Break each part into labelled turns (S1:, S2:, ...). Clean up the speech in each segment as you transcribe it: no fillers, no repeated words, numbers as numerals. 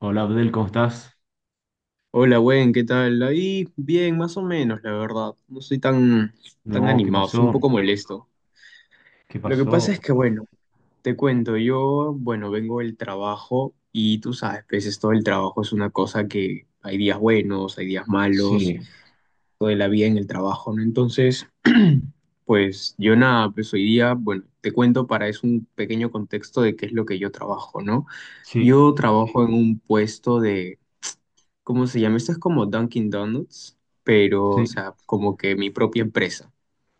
S1: Hola Abdel, ¿cómo estás?
S2: Hola, buen, ¿qué tal? Ahí bien, más o menos, la verdad. No soy tan
S1: No, ¿qué
S2: animado, soy un
S1: pasó?
S2: poco molesto.
S1: ¿Qué
S2: Lo que pasa
S1: pasó?
S2: es que, bueno, te cuento, yo, bueno, vengo del trabajo y tú sabes, pues es todo el trabajo es una cosa que hay días buenos, hay días malos,
S1: Sí,
S2: toda la vida en el trabajo, ¿no? Entonces, pues yo nada, pues hoy día, bueno, te cuento para es un pequeño contexto de qué es lo que yo trabajo, ¿no?
S1: sí,
S2: Yo trabajo en un puesto, ¿cómo se llama? Esto es como Dunkin' Donuts, pero,
S1: sí,
S2: o sea, como que mi propia empresa.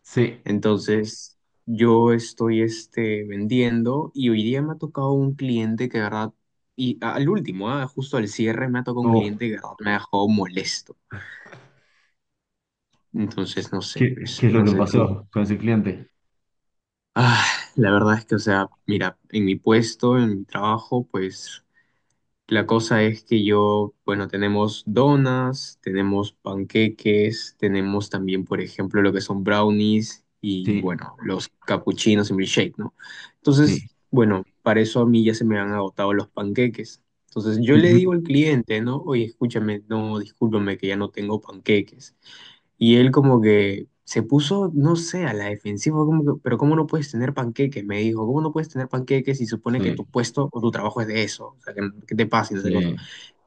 S1: sí.
S2: Entonces, yo estoy vendiendo y hoy día me ha tocado un cliente que, de verdad, y al último, justo al cierre, me ha tocado un
S1: Oh,
S2: cliente que, de verdad, me ha dejado molesto. Entonces, no sé,
S1: ¿qué
S2: pues,
S1: es lo
S2: no
S1: que
S2: sé tú.
S1: pasó con ese cliente?
S2: Ah, la verdad es que, o sea, mira, en mi puesto, en mi trabajo, pues. La cosa es que yo, bueno, tenemos donas, tenemos panqueques, tenemos también, por ejemplo, lo que son brownies y,
S1: Sí,
S2: bueno, los capuchinos y milkshake, ¿no?
S1: sí,
S2: Entonces, bueno, para eso a mí ya se me han agotado los panqueques. Entonces yo le
S1: ujú,
S2: digo al cliente, ¿no? Oye, escúchame, no, discúlpame que ya no tengo panqueques. Y él como que se puso, no sé, a la defensiva, como que, pero ¿cómo no puedes tener panqueques? Me dijo, ¿cómo no puedes tener panqueques si supone que tu
S1: sí,
S2: puesto o tu trabajo es de eso? O sea, que, no, que te pasa y no sé qué cosa.
S1: sí,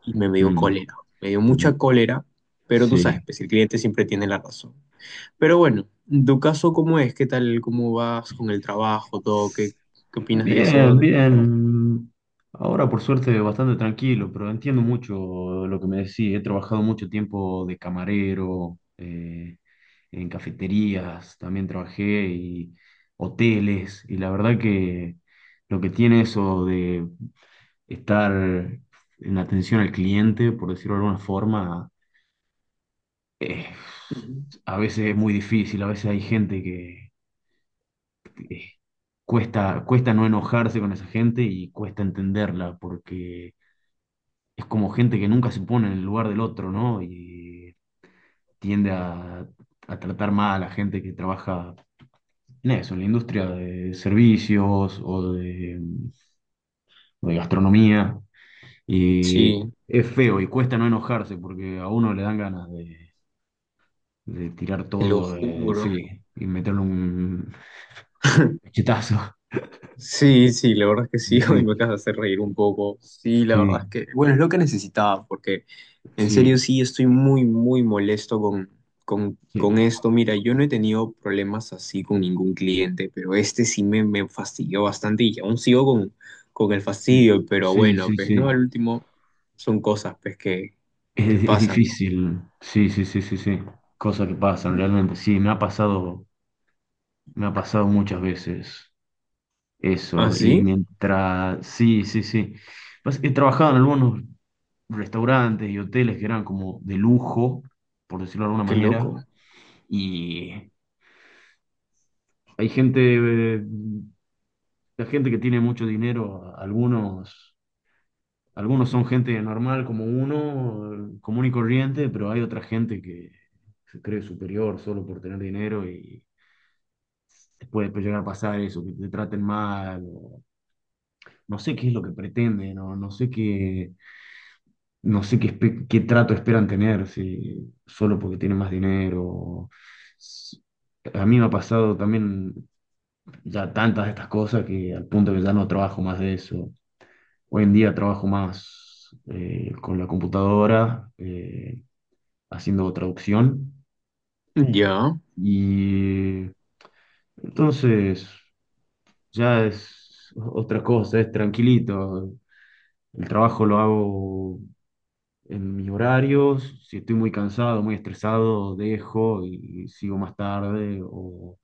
S2: Y me dio
S1: mm,
S2: cólera, me dio
S1: ujú,
S2: mucha cólera, pero tú sabes,
S1: sí.
S2: pues el cliente siempre tiene la razón. Pero bueno, en tu caso, ¿cómo es? ¿Qué tal? ¿Cómo vas con el trabajo? ¿Todo? ¿Qué opinas de eso,
S1: Bien,
S2: de tu trabajo?
S1: bien. Ahora por suerte bastante tranquilo, pero entiendo mucho lo que me decís. He trabajado mucho tiempo de camarero, en cafeterías, también trabajé y hoteles. Y la verdad que lo que tiene eso de estar en atención al cliente, por decirlo de alguna forma, eh,
S2: Ujú.
S1: a veces es muy difícil, a veces hay gente que cuesta no enojarse con esa gente y cuesta entenderla, porque es como gente que nunca se pone en el lugar del otro, ¿no? Y tiende a tratar mal a la gente que trabaja en eso, en la industria de servicios o de gastronomía. Y
S2: Sí,
S1: es feo y cuesta no enojarse porque a uno le dan ganas de tirar
S2: te lo
S1: todo,
S2: juro.
S1: sí, y meterle un cachetazo.
S2: Sí, sí, la verdad es que sí, hoy me acabas de hacer reír un poco. Sí, la verdad es que, bueno, es lo que necesitaba, porque en serio sí estoy muy, muy molesto
S1: Y sí, sí,
S2: con
S1: sí, sí,
S2: esto. Mira, yo no he tenido problemas así con ningún cliente, pero este sí me fastidió bastante y aún sigo con el
S1: sí,
S2: fastidio, pero
S1: sí,
S2: bueno,
S1: sí,
S2: pues no,
S1: sí.
S2: al último son cosas pues que
S1: Es
S2: pasan, ¿no?
S1: difícil, sí, sí, sí, sí, sí. Cosas que pasan
S2: Mm.
S1: realmente. Sí, me ha pasado muchas veces
S2: ¿Ah,
S1: eso. Y
S2: sí?
S1: mientras, sí, sí, sí. Pues, he trabajado en algunos restaurantes y hoteles que eran como de lujo, por decirlo de alguna
S2: Qué
S1: manera.
S2: loco.
S1: Y hay gente, eh, la gente que tiene mucho dinero, algunos. Algunos son gente normal como uno, común y corriente, pero hay otra gente que se cree superior solo por tener dinero y te puede llegar a pasar eso, que te traten mal, o no sé qué es lo que pretenden, o no sé qué, qué trato esperan tener, si solo porque tienen más dinero. S- A mí me ha pasado también ya tantas de estas cosas que al punto que ya no trabajo más de eso. Hoy en día trabajo más con la computadora. Haciendo traducción.
S2: Mm. Ya,
S1: Y entonces ya es otra cosa, es tranquilito. El trabajo lo hago en mis horarios. Si estoy muy cansado, muy estresado, dejo y sigo más tarde o,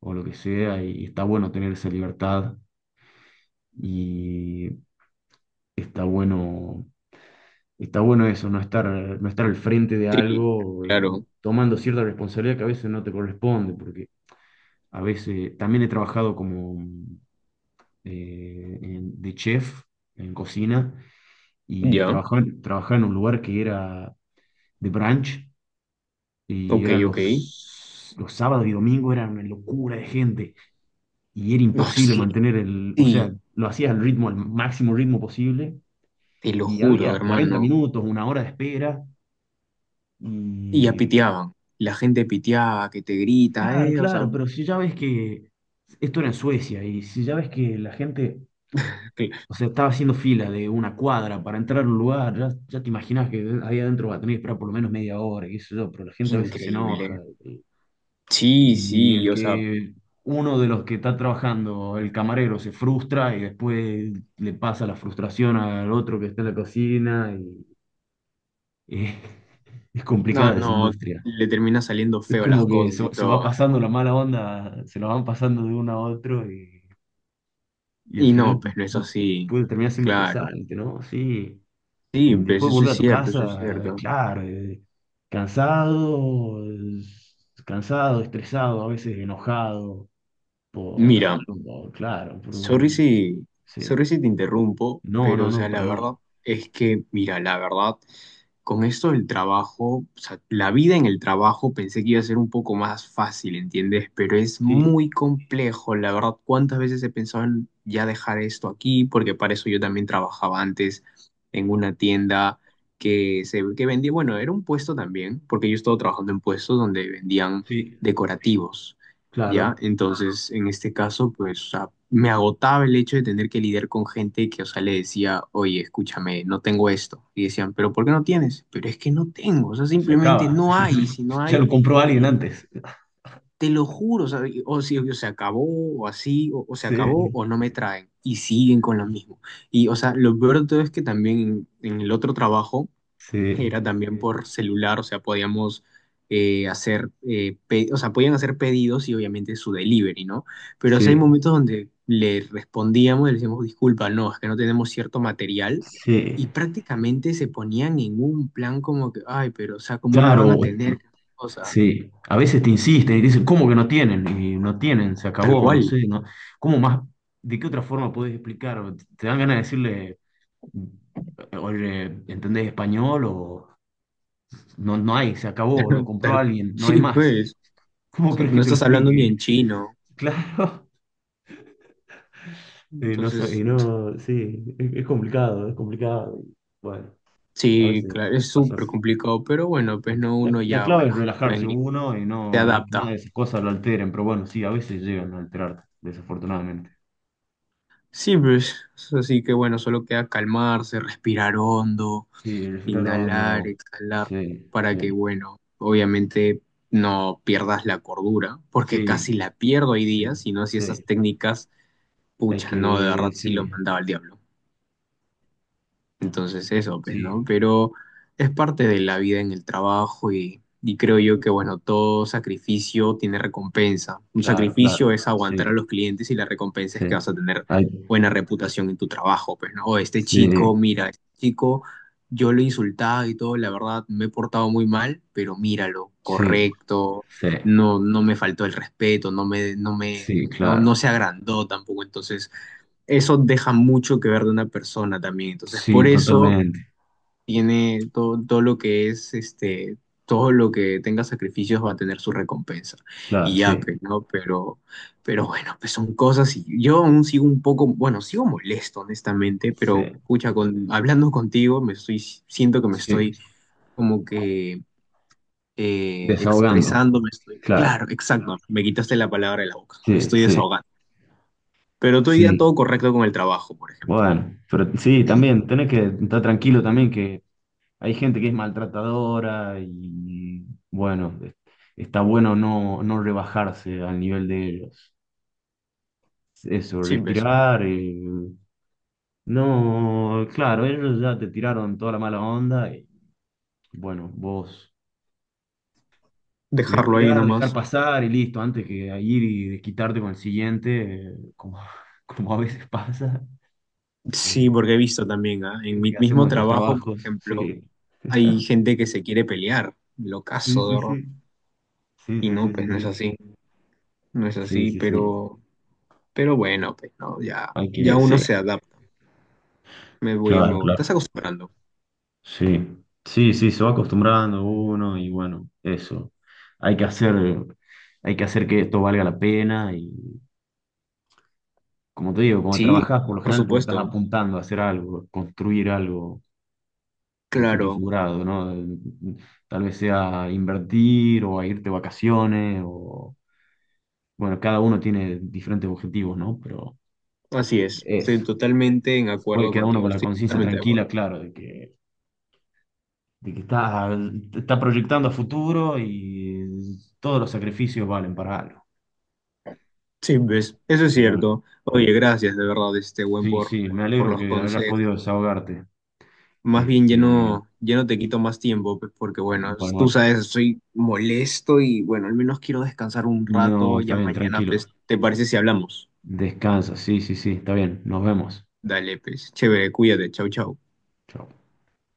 S1: o lo que sea. Y está bueno tener esa libertad y está bueno, está bueno eso, no estar al frente de
S2: sí,
S1: algo,
S2: claro,
S1: tomando cierta responsabilidad que a veces no te corresponde, porque a veces también he trabajado como de chef en cocina y
S2: ya,
S1: trabajaba en un lugar que era de brunch y
S2: ok,
S1: eran
S2: ok.
S1: los sábados y domingos, era una locura de gente y era
S2: Ah,
S1: imposible
S2: sí,
S1: mantener el, o sea,
S2: sí.
S1: lo hacía al ritmo, al máximo ritmo posible
S2: Te lo
S1: y
S2: juro,
S1: había 40
S2: hermano.
S1: minutos, 1 hora de espera
S2: Y ya
S1: y
S2: piteaban. La gente piteaba, que te grita,
S1: claro,
S2: o sea,
S1: claro, pero si ya ves que esto era en Suecia y si ya ves que la gente.
S2: qué,
S1: O sea, estaba haciendo fila de una cuadra para entrar a un lugar. Ya, ya te imaginas que ahí adentro va a tener que esperar por lo menos media hora, qué sé yo, pero la
S2: qué
S1: gente a veces se enoja.
S2: increíble.
S1: Y,
S2: Sí,
S1: y
S2: sí,
S1: el
S2: o sea,
S1: que uno de los que está trabajando, el camarero, se frustra y después le pasa la frustración al otro que está en la cocina. Y es
S2: no,
S1: complicada esa
S2: no,
S1: industria.
S2: le termina saliendo
S1: Es
S2: feo las
S1: como que se,
S2: cosas y
S1: se va
S2: todo.
S1: pasando la mala onda, se la van pasando de uno a otro y al
S2: Y
S1: final
S2: no, pues no es así,
S1: puede terminar siendo
S2: claro.
S1: estresante, ¿no? Sí.
S2: Sí, pues
S1: Después
S2: eso
S1: volver
S2: es
S1: a tu
S2: cierto, eso es
S1: casa,
S2: cierto.
S1: claro, cansado, eh, cansado, estresado, a veces enojado por
S2: Mira,
S1: algo, claro,
S2: sorry si,
S1: sí.
S2: sorry si te interrumpo,
S1: No,
S2: pero
S1: no,
S2: o
S1: no,
S2: sea, la
S1: para nada.
S2: verdad es que, mira, la verdad, con esto del trabajo, o sea, la vida en el trabajo pensé que iba a ser un poco más fácil, ¿entiendes? Pero es
S1: Sí,
S2: muy complejo, la verdad, ¿cuántas veces he pensado en ya dejar esto aquí? Porque para eso yo también trabajaba antes en una tienda que vendía, bueno, era un puesto también, porque yo estaba trabajando en puestos donde vendían
S1: sí,
S2: decorativos. ¿Ya?
S1: claro,
S2: Entonces, en este caso, pues, o sea, me agotaba el hecho de tener que lidiar con gente que, o sea, le decía, oye, escúchame, no tengo esto. Y decían, pero ¿por qué no tienes? Pero es que no tengo, o sea,
S1: se
S2: simplemente
S1: acaba.
S2: no hay, y si no
S1: Ya lo
S2: hay,
S1: compró alguien
S2: li-
S1: antes.
S2: te lo juro, o sea, o, si, o se acabó, o así, o se acabó,
S1: Sí,
S2: o no me traen, y siguen con lo mismo. Y, o sea, lo peor de todo es que también en el otro trabajo,
S1: sí,
S2: era también por celular, o sea, podíamos hacer, o sea, podían hacer pedidos y obviamente su delivery, ¿no? Pero sí hay
S1: sí,
S2: momentos donde le respondíamos y le decíamos, disculpa, no, es que no tenemos cierto material
S1: sí.
S2: y prácticamente se ponían en un plan como que, ay, pero, o sea, ¿cómo no
S1: Claro,
S2: van a tener cosa?
S1: sí, a veces te insisten y te dicen, ¿cómo que no tienen? Y no tienen, se
S2: Tal
S1: acabó, no
S2: cual,
S1: sé, no, ¿cómo más? ¿De qué otra forma puedes explicar? ¿Te dan ganas de decirle, oye, ¿entendés español? O no, no hay, se acabó, lo compró
S2: tal,
S1: alguien, no hay
S2: sí,
S1: más.
S2: pues, o
S1: ¿Cómo
S2: sea,
S1: crees que
S2: no
S1: te lo
S2: estás hablando ni
S1: explique?
S2: en chino,
S1: Claro, no sé, y
S2: entonces,
S1: no, sí, es complicado, es complicado. Bueno, a
S2: sí,
S1: veces
S2: claro,
S1: sí,
S2: es súper
S1: pasas.
S2: complicado, pero bueno, pues no,
S1: La,
S2: uno
S1: la
S2: ya,
S1: clave es
S2: bueno,
S1: relajarse uno y
S2: se
S1: no, que nada
S2: adapta.
S1: de esas cosas lo alteren, pero bueno, sí, a veces llegan a alterarte, desafortunadamente.
S2: Sí, pues, así que bueno, solo queda calmarse, respirar hondo,
S1: Sí, el respirar
S2: inhalar,
S1: hondo.
S2: exhalar,
S1: Sí,
S2: para que,
S1: sí,
S2: bueno, obviamente no pierdas la cordura, porque
S1: sí,
S2: casi la pierdo hoy
S1: sí,
S2: día, si no, si
S1: sí.
S2: esas técnicas,
S1: Hay
S2: pucha, no, de
S1: que,
S2: verdad sí
S1: sí,
S2: lo mandaba al diablo. Entonces eso, pues,
S1: sí,
S2: ¿no? Pero es parte de la vida en el trabajo y creo yo que, bueno, todo sacrificio tiene recompensa. Un
S1: claro, claro.
S2: sacrificio es
S1: Sí,
S2: aguantar a los clientes y la recompensa
S1: sí.
S2: es que vas a tener
S1: Hay,
S2: buena reputación en tu trabajo, pues, ¿no? O este
S1: sí,
S2: chico, mira, este chico, yo lo insultaba y todo, la verdad, me he portado muy mal, pero míralo,
S1: sí,
S2: correcto,
S1: sí,
S2: no, no me faltó el respeto,
S1: sí,
S2: no,
S1: claro.
S2: no se agrandó tampoco, entonces eso deja mucho que ver de una persona también. Entonces,
S1: Sí,
S2: por eso
S1: totalmente.
S2: tiene todo, todo lo que es, todo lo que tenga sacrificios va a tener su recompensa.
S1: Claro,
S2: Y ya,
S1: sí,
S2: pues, ¿no? Pero bueno, pues son cosas y yo aún sigo un poco, bueno, sigo molesto, honestamente, pero,
S1: sí,
S2: pucha, con, hablando contigo, me estoy, siento que me
S1: sí.
S2: estoy como que...
S1: Desahogando.
S2: expresando, me estoy, claro,
S1: Claro.
S2: exacto, me quitaste la palabra de la boca, me
S1: Sí,
S2: estoy
S1: sí,
S2: desahogando. Pero estoy ya
S1: sí.
S2: todo correcto con el trabajo, por ejemplo.
S1: Bueno, pero sí, también tenés que estar tranquilo también que hay gente que es maltratadora y bueno, está bueno no, no rebajarse al nivel de ellos. Eso,
S2: Sí, pues,
S1: respirar, no, claro, ellos ya te tiraron toda la mala onda y bueno, vos
S2: dejarlo ahí
S1: respirar, dejar
S2: nomás.
S1: pasar y listo, antes que ir y desquitarte con el siguiente, como, como a veces pasa,
S2: Sí,
S1: eh,
S2: porque he visto también, ¿ah? En
S1: gente
S2: mi
S1: que
S2: mismo
S1: hacemos estos
S2: trabajo, por
S1: trabajos,
S2: ejemplo,
S1: sí,
S2: hay gente que se quiere pelear, lo
S1: sí,
S2: caso, de
S1: sí,
S2: verdad.
S1: sí. Sí,
S2: Y
S1: sí,
S2: no,
S1: sí,
S2: pues
S1: sí,
S2: no es
S1: sí.
S2: así, no es
S1: Sí,
S2: así,
S1: sí, sí.
S2: pero bueno, pues no, ya,
S1: Hay
S2: ya
S1: que, sí,
S2: uno se adapta. Me voy, me
S1: claro,
S2: voy.
S1: claro.
S2: Estás acostumbrando.
S1: Sí, sí, sí, se va acostumbrando uno y bueno, eso. Hay que hacer, hay que hacer que esto valga la pena y como te digo, cuando
S2: Sí,
S1: trabajás por lo
S2: por
S1: general pues estás
S2: supuesto,
S1: apuntando a hacer algo, construir algo en un sentido
S2: claro,
S1: figurado, ¿no? Tal vez sea invertir o a irte de vacaciones o bueno, cada uno tiene diferentes objetivos, ¿no? Pero
S2: así es. Estoy
S1: eso
S2: totalmente en
S1: puede
S2: acuerdo
S1: quedar uno con
S2: contigo,
S1: la
S2: estoy
S1: conciencia
S2: totalmente de acuerdo.
S1: tranquila, claro, de que está proyectando a futuro y todos los sacrificios valen para algo.
S2: Sí, ves, eso es
S1: Y bueno,
S2: cierto. Oye, gracias de verdad, este buen
S1: sí, sí, me
S2: por
S1: alegro
S2: los
S1: que hayas podido
S2: consejos.
S1: desahogarte.
S2: Más bien ya
S1: Este,
S2: no, ya no te quito más tiempo, porque bueno, tú
S1: bueno,
S2: sabes, estoy molesto y bueno, al menos quiero descansar un
S1: no,
S2: rato,
S1: está
S2: ya
S1: bien,
S2: mañana,
S1: tranquilo.
S2: pues, ¿te parece si hablamos?
S1: Descansa, sí, sí, sí, está bien. Nos vemos.
S2: Dale, pues, chévere, cuídate, chau, chau.
S1: Chao.